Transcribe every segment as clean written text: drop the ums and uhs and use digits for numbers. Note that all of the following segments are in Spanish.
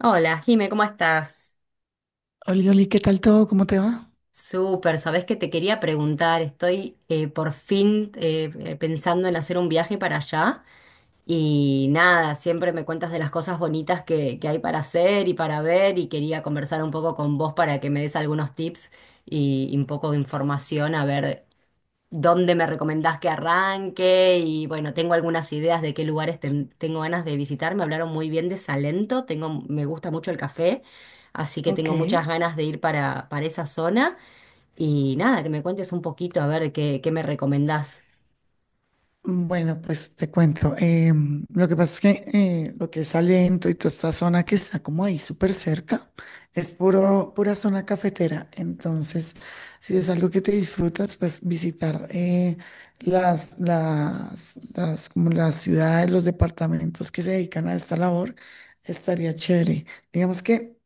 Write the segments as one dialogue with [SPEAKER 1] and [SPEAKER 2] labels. [SPEAKER 1] Hola, Jime, ¿cómo estás?
[SPEAKER 2] Oli, Oli, ¿qué tal todo? ¿Cómo te va?
[SPEAKER 1] Súper, sabés que te quería preguntar, estoy por fin pensando en hacer un viaje para allá y nada, siempre me cuentas de las cosas bonitas que hay para hacer y para ver y quería conversar un poco con vos para que me des algunos tips y un poco de información a ver dónde me recomendás que arranque y bueno, tengo algunas ideas de qué lugares tengo ganas de visitar. Me hablaron muy bien de Salento, tengo, me gusta mucho el café, así que
[SPEAKER 2] Ok,
[SPEAKER 1] tengo muchas ganas de ir para esa zona. Y nada, que me cuentes un poquito a ver qué me recomendás.
[SPEAKER 2] bueno, pues te cuento. Lo que pasa es que lo que es Salento y toda esta zona que está como ahí súper cerca es pura zona cafetera. Entonces, si es algo que te disfrutas, pues visitar como las ciudades, los departamentos que se dedican a esta labor estaría chévere. Digamos que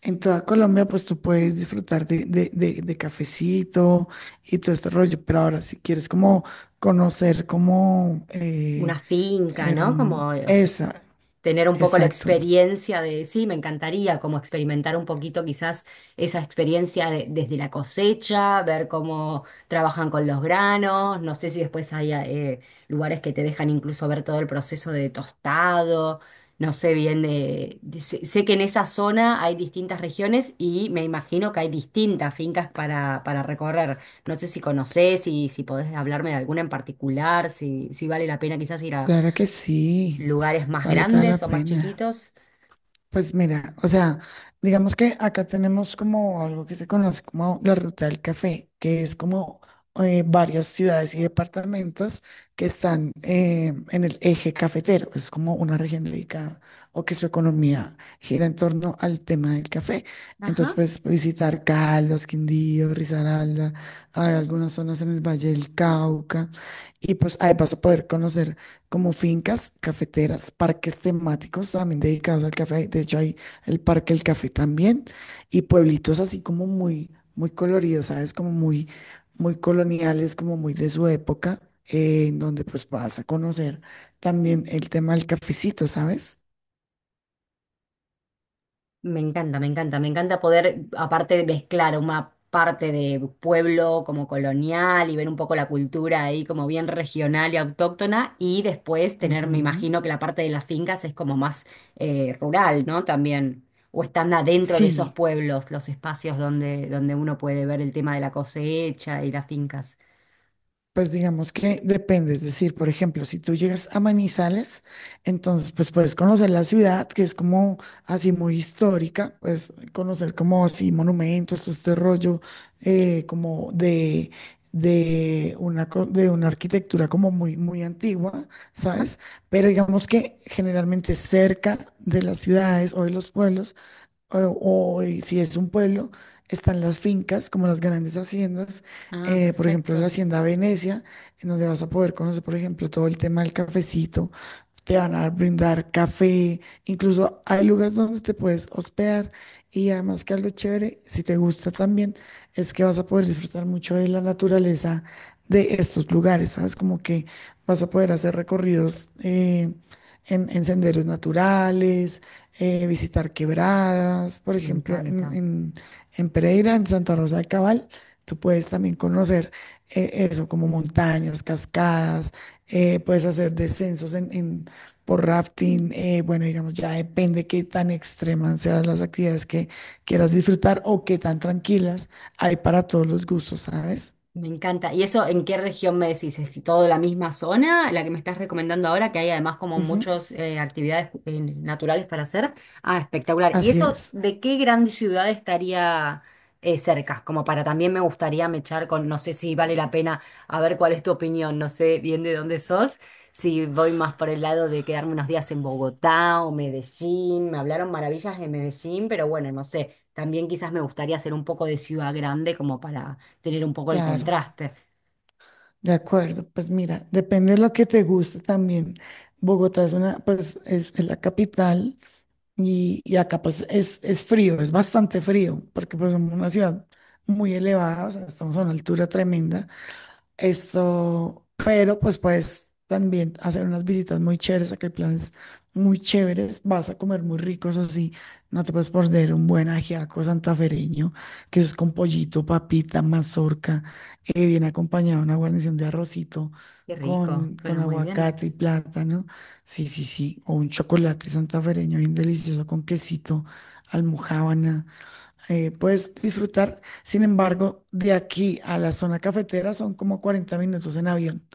[SPEAKER 2] en toda Colombia, pues tú puedes disfrutar de cafecito y todo este rollo, pero ahora si quieres como conocer como
[SPEAKER 1] Una finca, ¿no?
[SPEAKER 2] em,
[SPEAKER 1] Como...
[SPEAKER 2] esa,
[SPEAKER 1] tener un poco la
[SPEAKER 2] exacto.
[SPEAKER 1] experiencia de, sí, me encantaría como experimentar un poquito quizás esa desde la cosecha, ver cómo trabajan con los granos, no sé si después hay lugares que te dejan incluso ver todo el proceso de tostado, no sé bien sé, sé que en esa zona hay distintas regiones y me imagino que hay distintas fincas para recorrer, no sé si conocés, si podés hablarme de alguna en particular, si vale la pena quizás
[SPEAKER 2] Claro que sí,
[SPEAKER 1] lugares más
[SPEAKER 2] vale toda
[SPEAKER 1] grandes
[SPEAKER 2] la
[SPEAKER 1] o más
[SPEAKER 2] pena.
[SPEAKER 1] chiquitos.
[SPEAKER 2] Pues mira, o sea, digamos que acá tenemos como algo que se conoce como la ruta del café, que es como varias ciudades y departamentos que están en el eje cafetero. Es como una región dedicada o que su economía gira en torno al tema del café.
[SPEAKER 1] Ajá.
[SPEAKER 2] Entonces puedes visitar Caldas, Quindío, Risaralda, hay algunas zonas en el Valle del Cauca y pues ahí vas a poder conocer como fincas cafeteras, parques temáticos también dedicados al café. De hecho, hay el Parque del Café también y pueblitos así como muy, muy coloridos, ¿sabes? Como muy, muy coloniales, como muy de su época, en donde pues vas a conocer también el tema del cafecito, ¿sabes?
[SPEAKER 1] Me encanta, me encanta, me encanta poder, aparte de mezclar una parte de pueblo como colonial y ver un poco la cultura ahí como bien regional y autóctona, y después tener, me
[SPEAKER 2] Ujú.
[SPEAKER 1] imagino que la parte de las fincas es como más rural, ¿no? También, o están adentro de esos
[SPEAKER 2] Sí.
[SPEAKER 1] pueblos, los espacios donde uno puede ver el tema de la cosecha y las fincas.
[SPEAKER 2] Pues digamos que depende, es decir, por ejemplo, si tú llegas a Manizales, entonces pues puedes conocer la ciudad, que es como así muy histórica, pues conocer como así monumentos, todo este rollo, como de una arquitectura como muy, muy antigua,
[SPEAKER 1] Ajá.
[SPEAKER 2] ¿sabes? Pero digamos que generalmente cerca de las ciudades o de los pueblos, o, o, si es un pueblo, están las fincas, como las grandes haciendas.
[SPEAKER 1] Ah,
[SPEAKER 2] Por ejemplo, la
[SPEAKER 1] perfecto.
[SPEAKER 2] Hacienda Venecia, en donde vas a poder conocer, por ejemplo, todo el tema del cafecito, te van a brindar café, incluso hay lugares donde te puedes hospedar. Y además, que algo chévere, si te gusta también, es que vas a poder disfrutar mucho de la naturaleza de estos lugares, ¿sabes? Como que vas a poder hacer recorridos en senderos naturales, visitar quebradas, por
[SPEAKER 1] Me
[SPEAKER 2] ejemplo,
[SPEAKER 1] encanta.
[SPEAKER 2] en, en Pereira, en Santa Rosa de Cabal. Tú puedes también conocer como montañas, cascadas, puedes hacer descensos por rafting. Bueno, digamos, ya depende qué tan extremas sean las actividades que quieras disfrutar o qué tan tranquilas. Hay para todos los gustos, ¿sabes?
[SPEAKER 1] Me encanta. ¿Y eso en qué región me decís? ¿Es todo la misma zona, la que me estás recomendando ahora, que hay además como
[SPEAKER 2] Ujú.
[SPEAKER 1] muchas actividades naturales para hacer? Ah, espectacular. ¿Y
[SPEAKER 2] Así
[SPEAKER 1] eso
[SPEAKER 2] es.
[SPEAKER 1] de qué gran ciudad estaría cerca? Como para también me gustaría mechar con, no sé si vale la pena, a ver cuál es tu opinión, no sé bien de dónde sos, si voy más por el lado de quedarme unos días en Bogotá o Medellín. Me hablaron maravillas de Medellín, pero bueno, no sé. También quizás me gustaría hacer un poco de ciudad grande como para tener un poco el
[SPEAKER 2] Claro,
[SPEAKER 1] contraste.
[SPEAKER 2] de acuerdo. Pues mira, depende de lo que te guste también. Bogotá pues es la capital. Y acá pues es frío, es bastante frío, porque pues somos una ciudad muy elevada, o sea, estamos a una altura tremenda. Pero pues puedes también hacer unas visitas muy chéveres, acá hay planes muy chéveres, vas a comer muy ricos así. No te puedes perder un buen ajiaco santafereño, que es con pollito, papita, mazorca. Viene acompañado de una guarnición de arrocito
[SPEAKER 1] Qué rico,
[SPEAKER 2] con
[SPEAKER 1] suena muy bien.
[SPEAKER 2] aguacate y plátano. Sí, sí, sí, o un chocolate santafereño bien delicioso, con quesito, almojábana, puedes disfrutar. Sin embargo, de aquí a la zona cafetera son como 40 minutos en avión.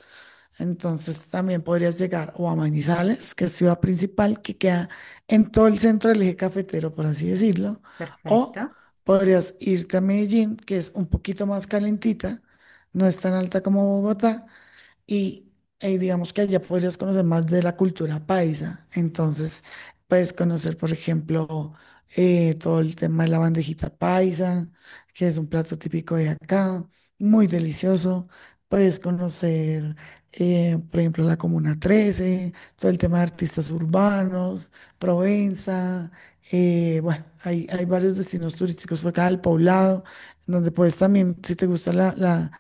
[SPEAKER 2] Entonces también podrías llegar o a Manizales, que es ciudad principal, que queda en todo el centro del eje cafetero, por así decirlo. O
[SPEAKER 1] Perfecto.
[SPEAKER 2] podrías irte a Medellín, que es un poquito más calentita, no es tan alta como Bogotá, y digamos que allá podrías conocer más de la cultura paisa. Entonces, puedes conocer, por ejemplo, todo el tema de la bandejita paisa, que es un plato típico de acá, muy delicioso. Puedes conocer, por ejemplo, la Comuna 13, todo el tema de artistas urbanos, Provenza. Bueno, hay varios destinos turísticos por acá, el Poblado, donde puedes también, si te gusta la, la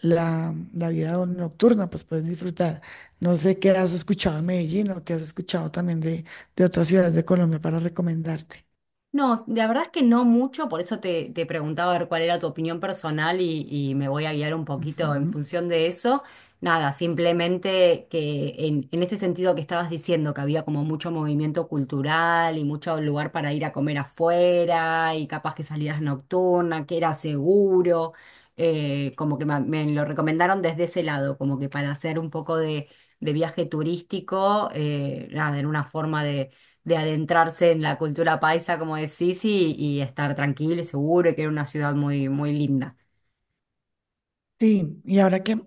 [SPEAKER 2] la, la vida nocturna, pues puedes disfrutar. No sé qué has escuchado en Medellín, o qué has escuchado también de otras ciudades de Colombia para recomendarte.
[SPEAKER 1] No, la verdad es que no mucho, por eso te preguntaba a ver cuál era tu opinión personal y me voy a guiar un poquito en
[SPEAKER 2] Ujú.
[SPEAKER 1] función de eso. Nada, simplemente que en este sentido que estabas diciendo, que había como mucho movimiento cultural y mucho lugar para ir a comer afuera y capaz que salidas nocturnas, que era seguro, como que ma- me, lo recomendaron desde ese lado, como que para hacer un poco de viaje turístico, nada, en una forma de adentrarse en la cultura paisa, como decís, y estar tranquilo y seguro, y que era una ciudad muy linda.
[SPEAKER 2] Sí, y ahora que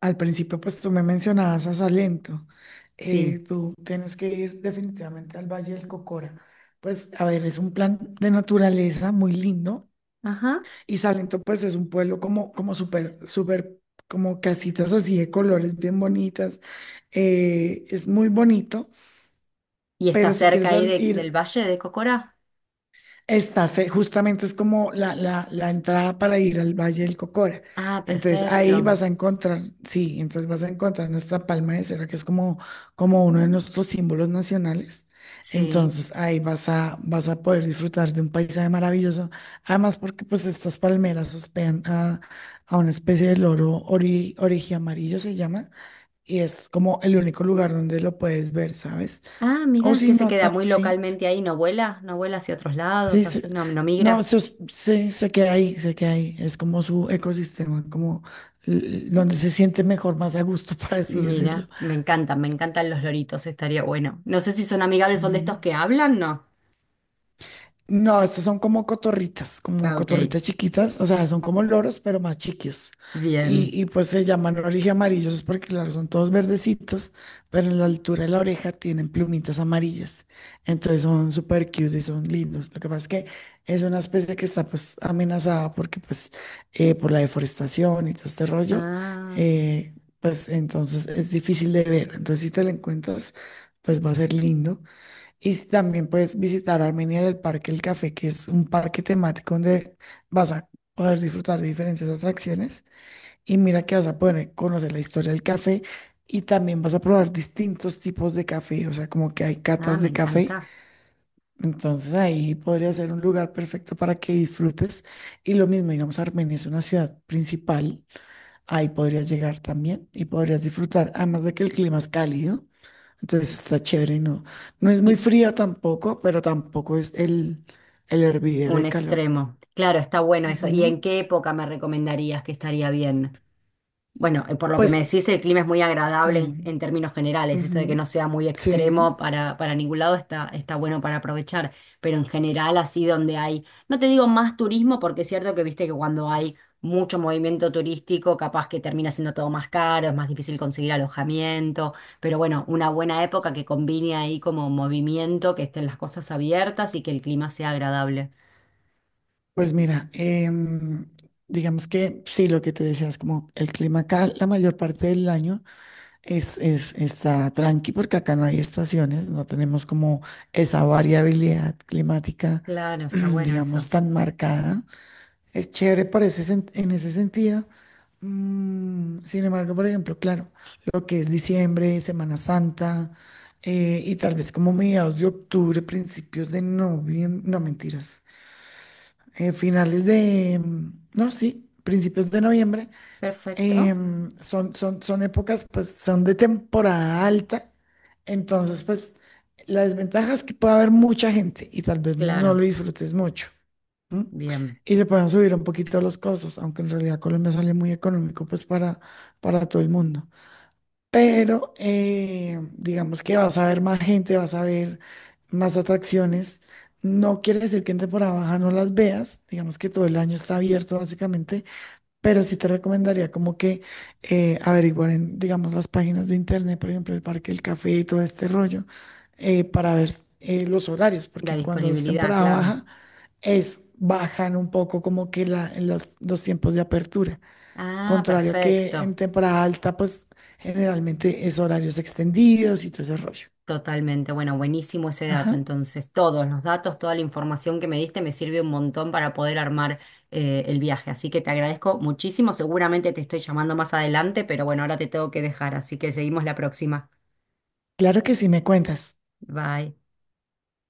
[SPEAKER 2] al principio pues tú me mencionabas a Salento,
[SPEAKER 1] Sí.
[SPEAKER 2] tú tienes que ir definitivamente al Valle del Cocora. Pues a ver, es un plan de naturaleza muy lindo.
[SPEAKER 1] Ajá.
[SPEAKER 2] Y Salento pues es un pueblo como súper, súper, como casitas así de colores bien bonitas. Es muy bonito.
[SPEAKER 1] ¿Y está
[SPEAKER 2] Pero si
[SPEAKER 1] cerca
[SPEAKER 2] quieres
[SPEAKER 1] ahí del
[SPEAKER 2] ir,
[SPEAKER 1] Valle de Cocora?
[SPEAKER 2] justamente es como la entrada para ir al Valle del Cocora.
[SPEAKER 1] Ah,
[SPEAKER 2] Entonces ahí
[SPEAKER 1] perfecto.
[SPEAKER 2] vas a encontrar. Sí, entonces vas a encontrar nuestra palma de cera, que es como uno de nuestros símbolos nacionales.
[SPEAKER 1] Sí.
[SPEAKER 2] Entonces ahí vas a poder disfrutar de un paisaje maravilloso. Además, porque pues estas palmeras hospedan a una especie de loro amarillo, se llama, y es como el único lugar donde lo puedes ver, ¿sabes?
[SPEAKER 1] Ah,
[SPEAKER 2] O
[SPEAKER 1] mira,
[SPEAKER 2] si
[SPEAKER 1] que se
[SPEAKER 2] no,
[SPEAKER 1] queda muy
[SPEAKER 2] sí.
[SPEAKER 1] localmente ahí, no vuela, no vuela hacia otros lados,
[SPEAKER 2] Sí,
[SPEAKER 1] así, no, no
[SPEAKER 2] no,
[SPEAKER 1] migra.
[SPEAKER 2] sí, se queda ahí, se queda ahí. Es como su ecosistema, como donde se siente mejor, más a gusto, por así decirlo.
[SPEAKER 1] Mira, me encantan los loritos, estaría bueno. No sé si son amigables, son de estos
[SPEAKER 2] Ujú.
[SPEAKER 1] que hablan, ¿no?
[SPEAKER 2] No, estas son como
[SPEAKER 1] Ah, ok,
[SPEAKER 2] cotorritas chiquitas, o sea, son como loros, pero más chiquitos. Y,
[SPEAKER 1] bien.
[SPEAKER 2] y pues se llaman oreja amarillos es porque, claro, son todos verdecitos, pero en la altura de la oreja tienen plumitas amarillas. Entonces son súper cute y son lindos. Lo que pasa es que es una especie que está pues amenazada, porque pues por la deforestación y todo este rollo,
[SPEAKER 1] Ah,
[SPEAKER 2] eh, pues entonces es difícil de ver. Entonces si te la encuentras, pues va a ser lindo. Y también puedes visitar Armenia, del Parque El Café, que es un parque temático donde vas a poder disfrutar de diferentes atracciones. Y mira que vas a poder conocer la historia del café y también vas a probar distintos tipos de café, o sea, como que hay
[SPEAKER 1] ah,
[SPEAKER 2] catas
[SPEAKER 1] me
[SPEAKER 2] de café.
[SPEAKER 1] encanta.
[SPEAKER 2] Entonces ahí podría ser un lugar perfecto para que disfrutes. Y lo mismo, digamos, Armenia es una ciudad principal, ahí podrías llegar también y podrías disfrutar, además de que el clima es cálido, entonces está chévere. No, no es muy frío tampoco, pero tampoco es el hervidero
[SPEAKER 1] Un
[SPEAKER 2] de calor.
[SPEAKER 1] extremo. Claro, está bueno eso. ¿Y
[SPEAKER 2] Ujú.
[SPEAKER 1] en qué época me recomendarías que estaría bien? Bueno, por lo que me
[SPEAKER 2] Pues,
[SPEAKER 1] decís, el clima es muy
[SPEAKER 2] sí.
[SPEAKER 1] agradable en términos generales. Esto de que no
[SPEAKER 2] Ujú.
[SPEAKER 1] sea muy extremo
[SPEAKER 2] Sí,
[SPEAKER 1] para ningún lado está bueno para aprovechar. Pero en general, así donde hay, no te digo más turismo, porque es cierto que viste que cuando hay mucho movimiento turístico, capaz que termina siendo todo más caro, es más difícil conseguir alojamiento. Pero bueno, una buena época que combine ahí como movimiento, que estén las cosas abiertas y que el clima sea agradable.
[SPEAKER 2] pues mira, digamos que sí, lo que te decías, como el clima acá la mayor parte del año está tranqui, porque acá no hay estaciones, no tenemos como esa variabilidad climática,
[SPEAKER 1] Claro, está bueno
[SPEAKER 2] digamos,
[SPEAKER 1] eso.
[SPEAKER 2] tan marcada. Es chévere por ese en ese sentido. Sin embargo, por ejemplo, claro, lo que es diciembre, Semana Santa, y tal vez como mediados de octubre, principios de noviembre. No mentiras, finales de, no, sí, principios de noviembre,
[SPEAKER 1] Perfecto.
[SPEAKER 2] son épocas, pues son de temporada alta, entonces pues la desventaja es que puede haber mucha gente y tal vez no lo
[SPEAKER 1] Claro,
[SPEAKER 2] disfrutes mucho. ¿M?
[SPEAKER 1] bien.
[SPEAKER 2] Y se pueden subir un poquito los costos, aunque en realidad Colombia sale muy económico pues para, todo el mundo. Pero digamos que vas a ver más gente, vas a ver más atracciones. No quiere decir que en temporada baja no las veas, digamos que todo el año está abierto básicamente, pero sí te recomendaría como que averiguar en, digamos, las páginas de internet, por ejemplo, el Parque del Café y todo este rollo, para ver los horarios,
[SPEAKER 1] La
[SPEAKER 2] porque cuando es
[SPEAKER 1] disponibilidad,
[SPEAKER 2] temporada
[SPEAKER 1] claro.
[SPEAKER 2] baja, es bajan un poco como que los tiempos de apertura.
[SPEAKER 1] Ah,
[SPEAKER 2] Contrario a que en
[SPEAKER 1] perfecto.
[SPEAKER 2] temporada alta, pues generalmente es horarios extendidos y todo ese rollo.
[SPEAKER 1] Totalmente. Bueno, buenísimo ese dato.
[SPEAKER 2] Ajá.
[SPEAKER 1] Entonces, todos los datos, toda la información que me diste me sirve un montón para poder armar el viaje. Así que te agradezco muchísimo. Seguramente te estoy llamando más adelante, pero bueno, ahora te tengo que dejar. Así que seguimos la próxima.
[SPEAKER 2] Claro que sí, me cuentas.
[SPEAKER 1] Bye.